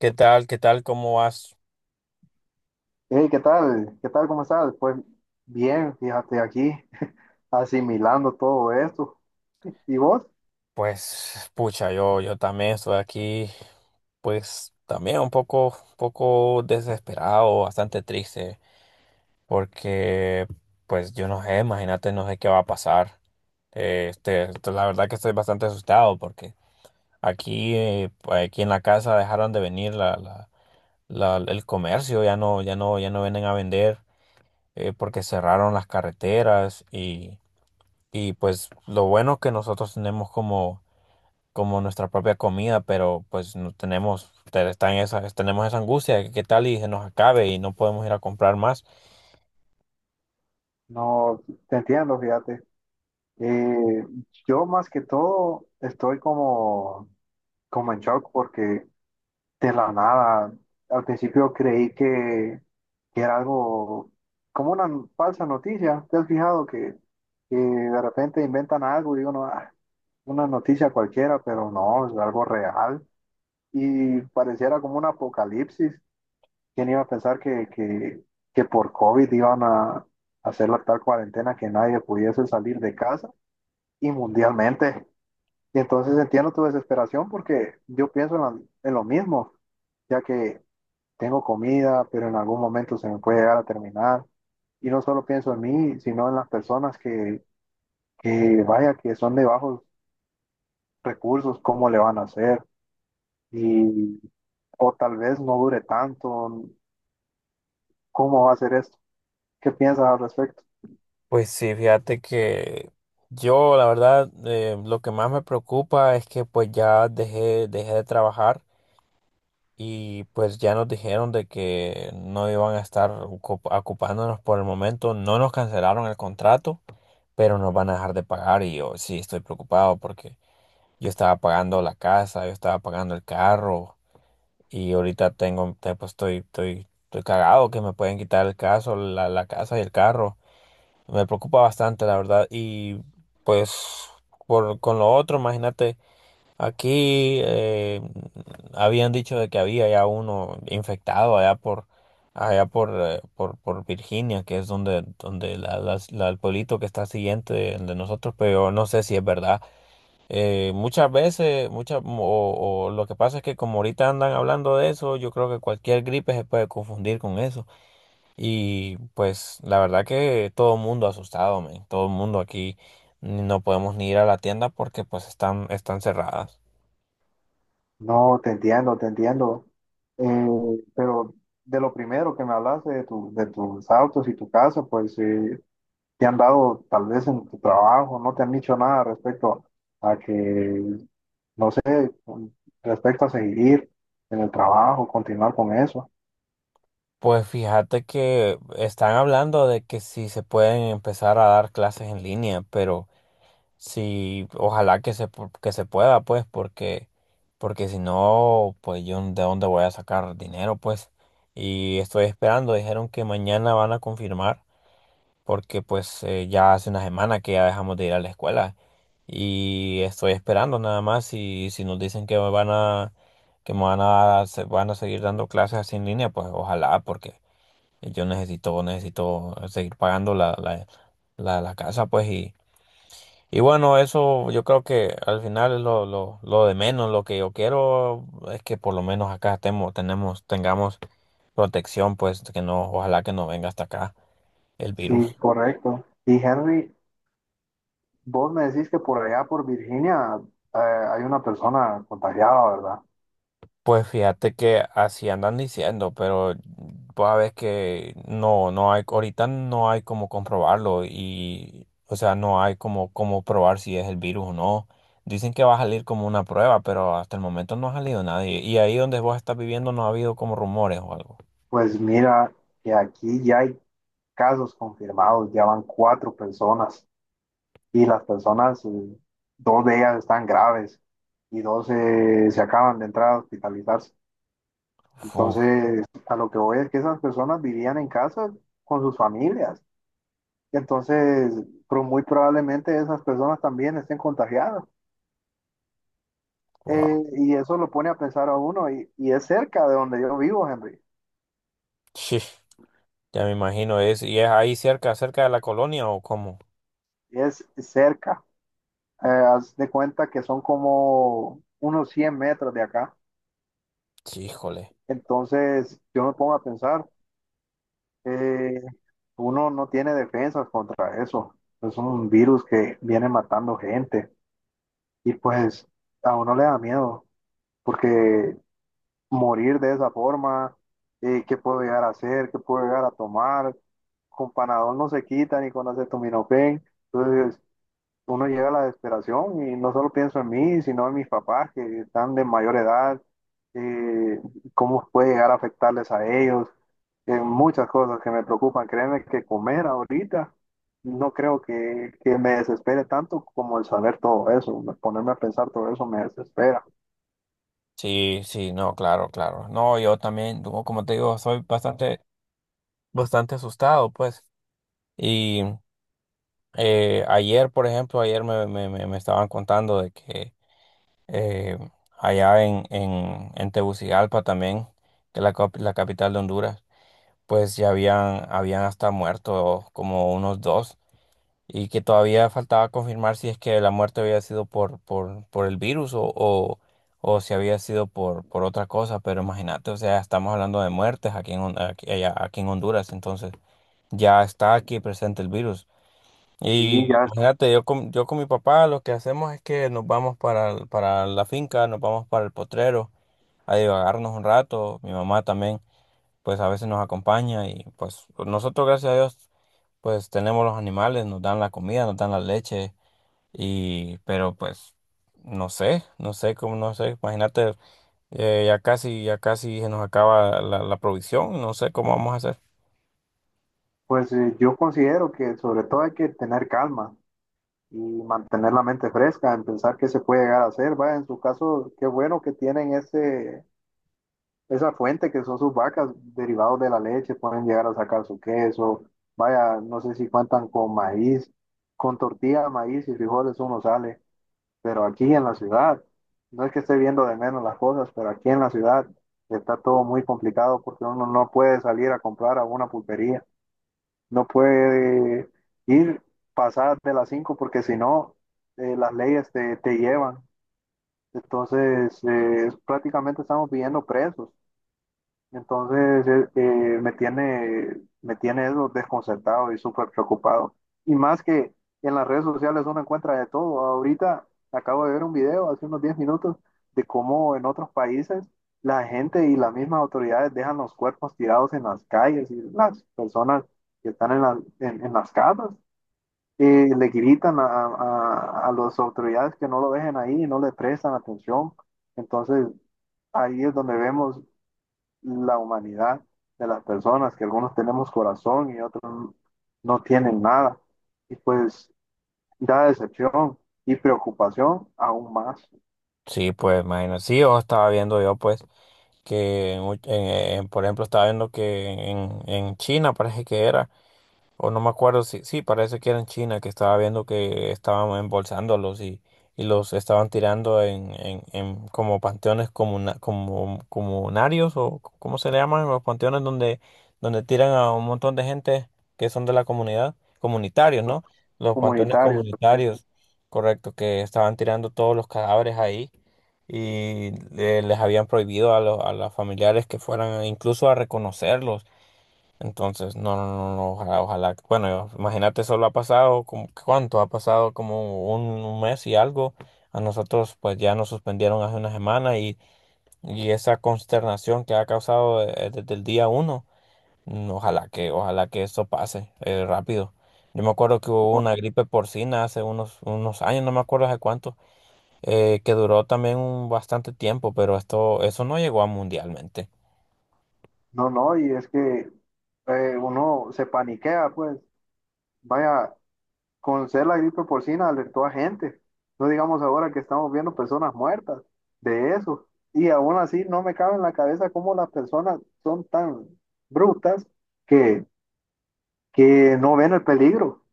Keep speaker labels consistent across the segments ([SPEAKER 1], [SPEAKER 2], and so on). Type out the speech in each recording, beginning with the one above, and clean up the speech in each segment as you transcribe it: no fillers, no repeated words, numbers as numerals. [SPEAKER 1] ¿Qué tal? ¿Qué tal? ¿Cómo vas?
[SPEAKER 2] Hey, ¿qué tal? ¿Qué tal? ¿Cómo estás? Pues bien, fíjate aquí, asimilando todo esto. ¿Y vos?
[SPEAKER 1] Pues, pucha, yo también estoy aquí, pues, también un poco, poco desesperado, bastante triste, porque, pues, yo no sé, imagínate, no sé qué va a pasar. La verdad que estoy bastante asustado porque aquí, pues, aquí en la casa dejaron de venir el comercio, ya no, ya no vienen a vender, porque cerraron las carreteras y, pues, lo bueno que nosotros tenemos como nuestra propia comida, pero pues no tenemos, está en esa, tenemos esa angustia de que qué tal y se nos acabe y no podemos ir a comprar más.
[SPEAKER 2] No, te entiendo, fíjate. Eh, yo más que todo estoy como en shock porque de la nada, al principio creí que era algo como una falsa noticia. ¿Te has fijado que de repente inventan algo y uno, "Ah, una noticia cualquiera, pero no, es algo real? Y pareciera como un apocalipsis. ¿Quién iba a pensar que por COVID iban a hacer la tal cuarentena que nadie pudiese salir de casa y mundialmente? Y entonces entiendo tu desesperación porque yo pienso en lo mismo, ya que tengo comida, pero en algún momento se me puede llegar a terminar. Y no solo pienso en mí, sino en las personas que vaya, que son de bajos recursos, cómo le van a hacer. Y, o tal vez no dure tanto, ¿cómo va a ser esto? ¿Qué piensas al respecto?
[SPEAKER 1] Pues sí, fíjate que yo la verdad lo que más me preocupa es que pues ya dejé de trabajar y pues ya nos dijeron de que no iban a estar ocupándonos por el momento, no nos cancelaron el contrato, pero nos van a dejar de pagar y yo sí estoy preocupado porque yo estaba pagando la casa, yo estaba pagando el carro. Y ahorita tengo, pues estoy, estoy cagado que me pueden quitar el caso, la casa y el carro. Me preocupa bastante, la verdad. Y pues por, con lo otro, imagínate, aquí habían dicho de que había ya uno infectado allá por, por Virginia, que es donde, donde el pueblito que está siguiente de nosotros, pero yo no sé si es verdad. Muchas veces, muchas, o lo que pasa es que como ahorita andan hablando de eso, yo creo que cualquier gripe se puede confundir con eso. Y pues la verdad que todo el mundo asustado, men. Todo el mundo aquí no podemos ni ir a la tienda porque pues están, están cerradas.
[SPEAKER 2] No, te entiendo, te entiendo. Eh, pero de lo primero que me hablaste de tus autos y tu casa, pues te han dado tal vez en tu trabajo, no te han dicho nada respecto a que, no sé, con- respecto a seguir en el trabajo, continuar con eso.
[SPEAKER 1] Pues fíjate que están hablando de que si se pueden empezar a dar clases en línea, pero... Sí, ojalá que se, que se pueda, pues, porque, porque si no, pues yo de dónde voy a sacar dinero, pues. Y estoy esperando, dijeron que mañana van a confirmar, porque pues ya hace una semana que ya dejamos de ir a la escuela. Y estoy esperando nada más y si nos dicen que me van a, van a seguir dando clases así en línea, pues ojalá, porque yo necesito, necesito seguir pagando la casa, pues, y bueno, eso yo creo que al final es lo, lo de menos. Lo que yo quiero es que por lo menos acá estemos, tenemos, tengamos protección, pues que no, ojalá que no venga hasta acá el
[SPEAKER 2] Sí,
[SPEAKER 1] virus.
[SPEAKER 2] correcto. Y Henry, vos me decís que por allá, por Virginia, hay una persona contagiada, ¿verdad?
[SPEAKER 1] Pues fíjate que así andan diciendo, pero pues a ver que no, no hay, ahorita no hay como comprobarlo y, o sea, no hay como, como probar si es el virus o no. Dicen que va a salir como una prueba, pero hasta el momento no ha salido nadie. Y ahí donde vos estás viviendo no ha habido como rumores o algo.
[SPEAKER 2] Pues mira, que aquí ya hay casos confirmados, ya van cuatro personas y las personas, dos de ellas están graves y dos se acaban de entrar a hospitalizarse.
[SPEAKER 1] Uf,
[SPEAKER 2] Entonces, a lo que voy es que esas personas vivían en casa con sus familias. Entonces, muy probablemente esas personas también estén contagiadas.
[SPEAKER 1] wow.
[SPEAKER 2] Y eso lo pone a pensar a uno. Y es cerca de donde yo vivo, Henry.
[SPEAKER 1] Sí, ya me imagino. Es, ¿y es ahí cerca, cerca de la colonia o cómo?
[SPEAKER 2] Es cerca. Haz de cuenta que son como unos 100 metros de acá.
[SPEAKER 1] Sí, híjole.
[SPEAKER 2] Entonces, yo me pongo a pensar, eh, uno no tiene defensas contra eso. Es un virus que viene matando gente y pues a uno le da miedo porque morir de esa forma, ¿qué puedo llegar a hacer? ¿Qué puedo llegar a tomar? Con Panadol no se quita ni con acetaminofén. Entonces, uno llega a la desesperación y no solo pienso en mí, sino en mis papás que están de mayor edad, eh, cómo puede llegar a afectarles a ellos, muchas cosas que me preocupan. Créeme que comer ahorita no creo que me desespere tanto como el saber todo eso, ponerme a pensar todo eso me desespera.
[SPEAKER 1] Sí, sí, no, claro, claro. No, yo también, como te digo, soy bastante, bastante asustado, pues. Y ayer, por ejemplo, ayer me estaban contando de que eh, en Tegucigalpa también, que es la, la capital de Honduras, pues ya habían, habían hasta muerto como unos dos. Y que todavía faltaba confirmar si es que la muerte había sido por, por el virus o si había sido por otra cosa, pero imagínate, o sea, estamos hablando de muertes aquí en, aquí en Honduras, entonces ya está aquí presente el virus. Y
[SPEAKER 2] Y ya,
[SPEAKER 1] imagínate, yo con mi papá lo que hacemos es que nos vamos para, para la finca, nos vamos para el potrero a divagarnos un rato, mi mamá también, pues a veces nos acompaña y pues nosotros, gracias a Dios, pues tenemos los animales, nos dan la comida, nos dan la leche y pero pues no sé, no sé cómo, no sé, imagínate, ya casi se nos acaba la, la provisión, no sé cómo vamos a hacer.
[SPEAKER 2] pues yo considero que sobre todo hay que tener calma y mantener la mente fresca en pensar qué se puede llegar a hacer. Va, en su caso, qué bueno que tienen ese esa fuente que son sus vacas, derivados de la leche, pueden llegar a sacar su queso. Vaya, no sé si cuentan con maíz, con tortilla, maíz y frijoles uno sale, pero aquí en la ciudad, no es que esté viendo de menos las cosas, pero aquí en la ciudad está todo muy complicado porque uno no puede salir a comprar a una pulpería, no puede ir pasar de las 5 porque si no, las leyes te llevan. Entonces, prácticamente estamos viviendo presos. Entonces, me tiene eso desconcertado y súper preocupado. Y más que en las redes sociales uno encuentra de todo. Ahorita acabo de ver un video hace unos 10 minutos de cómo en otros países la gente y las mismas autoridades dejan los cuerpos tirados en las calles y las personas que están en las casas le gritan a las autoridades que no lo dejen ahí y no le prestan atención. Entonces, ahí es donde vemos la humanidad de las personas, que algunos tenemos corazón y otros no tienen nada. Y pues da decepción y preocupación aún más
[SPEAKER 1] Sí, pues imagínate, sí, yo estaba viendo yo pues que en, por ejemplo estaba viendo que en China parece que era. O no me acuerdo si, sí, parece que era en China que estaba viendo que estaban embolsándolos y los estaban tirando en, en como panteones comuna, como, comunarios o cómo se le llaman los panteones donde, donde tiran a un montón de gente que son de la comunidad, comunitarios, ¿no? Los panteones
[SPEAKER 2] comunitario.
[SPEAKER 1] comunitarios, correcto, que estaban tirando todos los cadáveres ahí y les habían prohibido a los familiares que fueran incluso a reconocerlos. Entonces, no, no, no, no, ojalá, ojalá. Bueno, imagínate, solo ha pasado, como, ¿cuánto? Ha pasado como un mes y algo. A nosotros, pues ya nos suspendieron hace una semana y esa consternación que ha causado desde el día uno, mm, ojalá que eso pase rápido. Yo me acuerdo que hubo una gripe porcina hace unos, unos años, no me acuerdo hace cuánto, que duró también un bastante tiempo, pero esto, eso no llegó a mundialmente.
[SPEAKER 2] No, no, y es que uno se paniquea, pues, vaya, con ser la gripe porcina alertó a gente. No digamos ahora que estamos viendo personas muertas de eso. Y aún así no me cabe en la cabeza cómo las personas son tan brutas que que no ven el peligro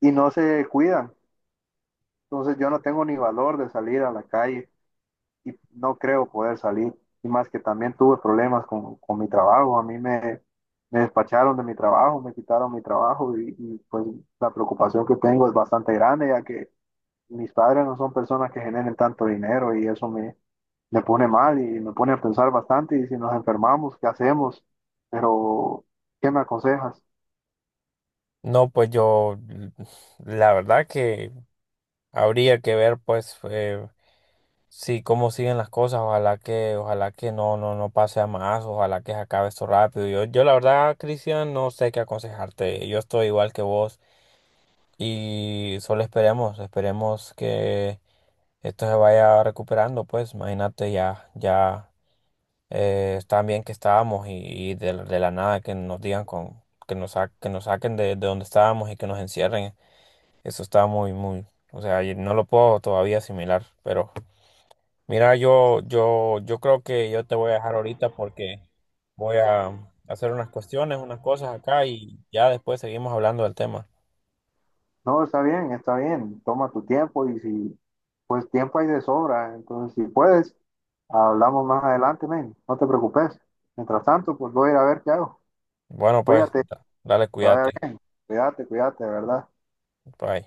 [SPEAKER 2] y no se cuidan. Entonces yo no tengo ni valor de salir a la calle y no creo poder salir. Y más que también tuve problemas con mi trabajo. A mí me despacharon de mi trabajo, me quitaron mi trabajo y, pues la preocupación que tengo es bastante grande ya que mis padres no son personas que generen tanto dinero y eso me pone mal y me pone a pensar bastante y si nos enfermamos, ¿qué hacemos? Pero, ¿qué me aconsejas?
[SPEAKER 1] No, pues yo, la verdad que habría que ver, pues, si cómo siguen las cosas. Ojalá que no, no, no pase a más. Ojalá que se acabe esto rápido. Yo la verdad, Cristian, no sé qué aconsejarte. Yo estoy igual que vos y solo esperemos, esperemos que esto se vaya recuperando. Pues, imagínate ya, ya tan bien que estábamos y de la nada que nos digan con, que nos, que nos saquen de donde estábamos y que nos encierren. Eso está muy, muy, o sea, y no lo puedo todavía asimilar, pero mira, yo creo que yo te voy a dejar ahorita porque voy a hacer unas cuestiones, unas cosas acá y ya después seguimos hablando del tema.
[SPEAKER 2] No, está bien, está bien. Toma tu tiempo y si, pues tiempo hay de sobra. Entonces, si puedes, hablamos más adelante, men. No te preocupes. Mientras tanto, pues voy a ir a ver qué hago.
[SPEAKER 1] Bueno, pues,
[SPEAKER 2] Cuídate,
[SPEAKER 1] dale,
[SPEAKER 2] te vaya
[SPEAKER 1] cuídate.
[SPEAKER 2] bien, cuídate, cuídate, de ¿verdad?
[SPEAKER 1] Bye.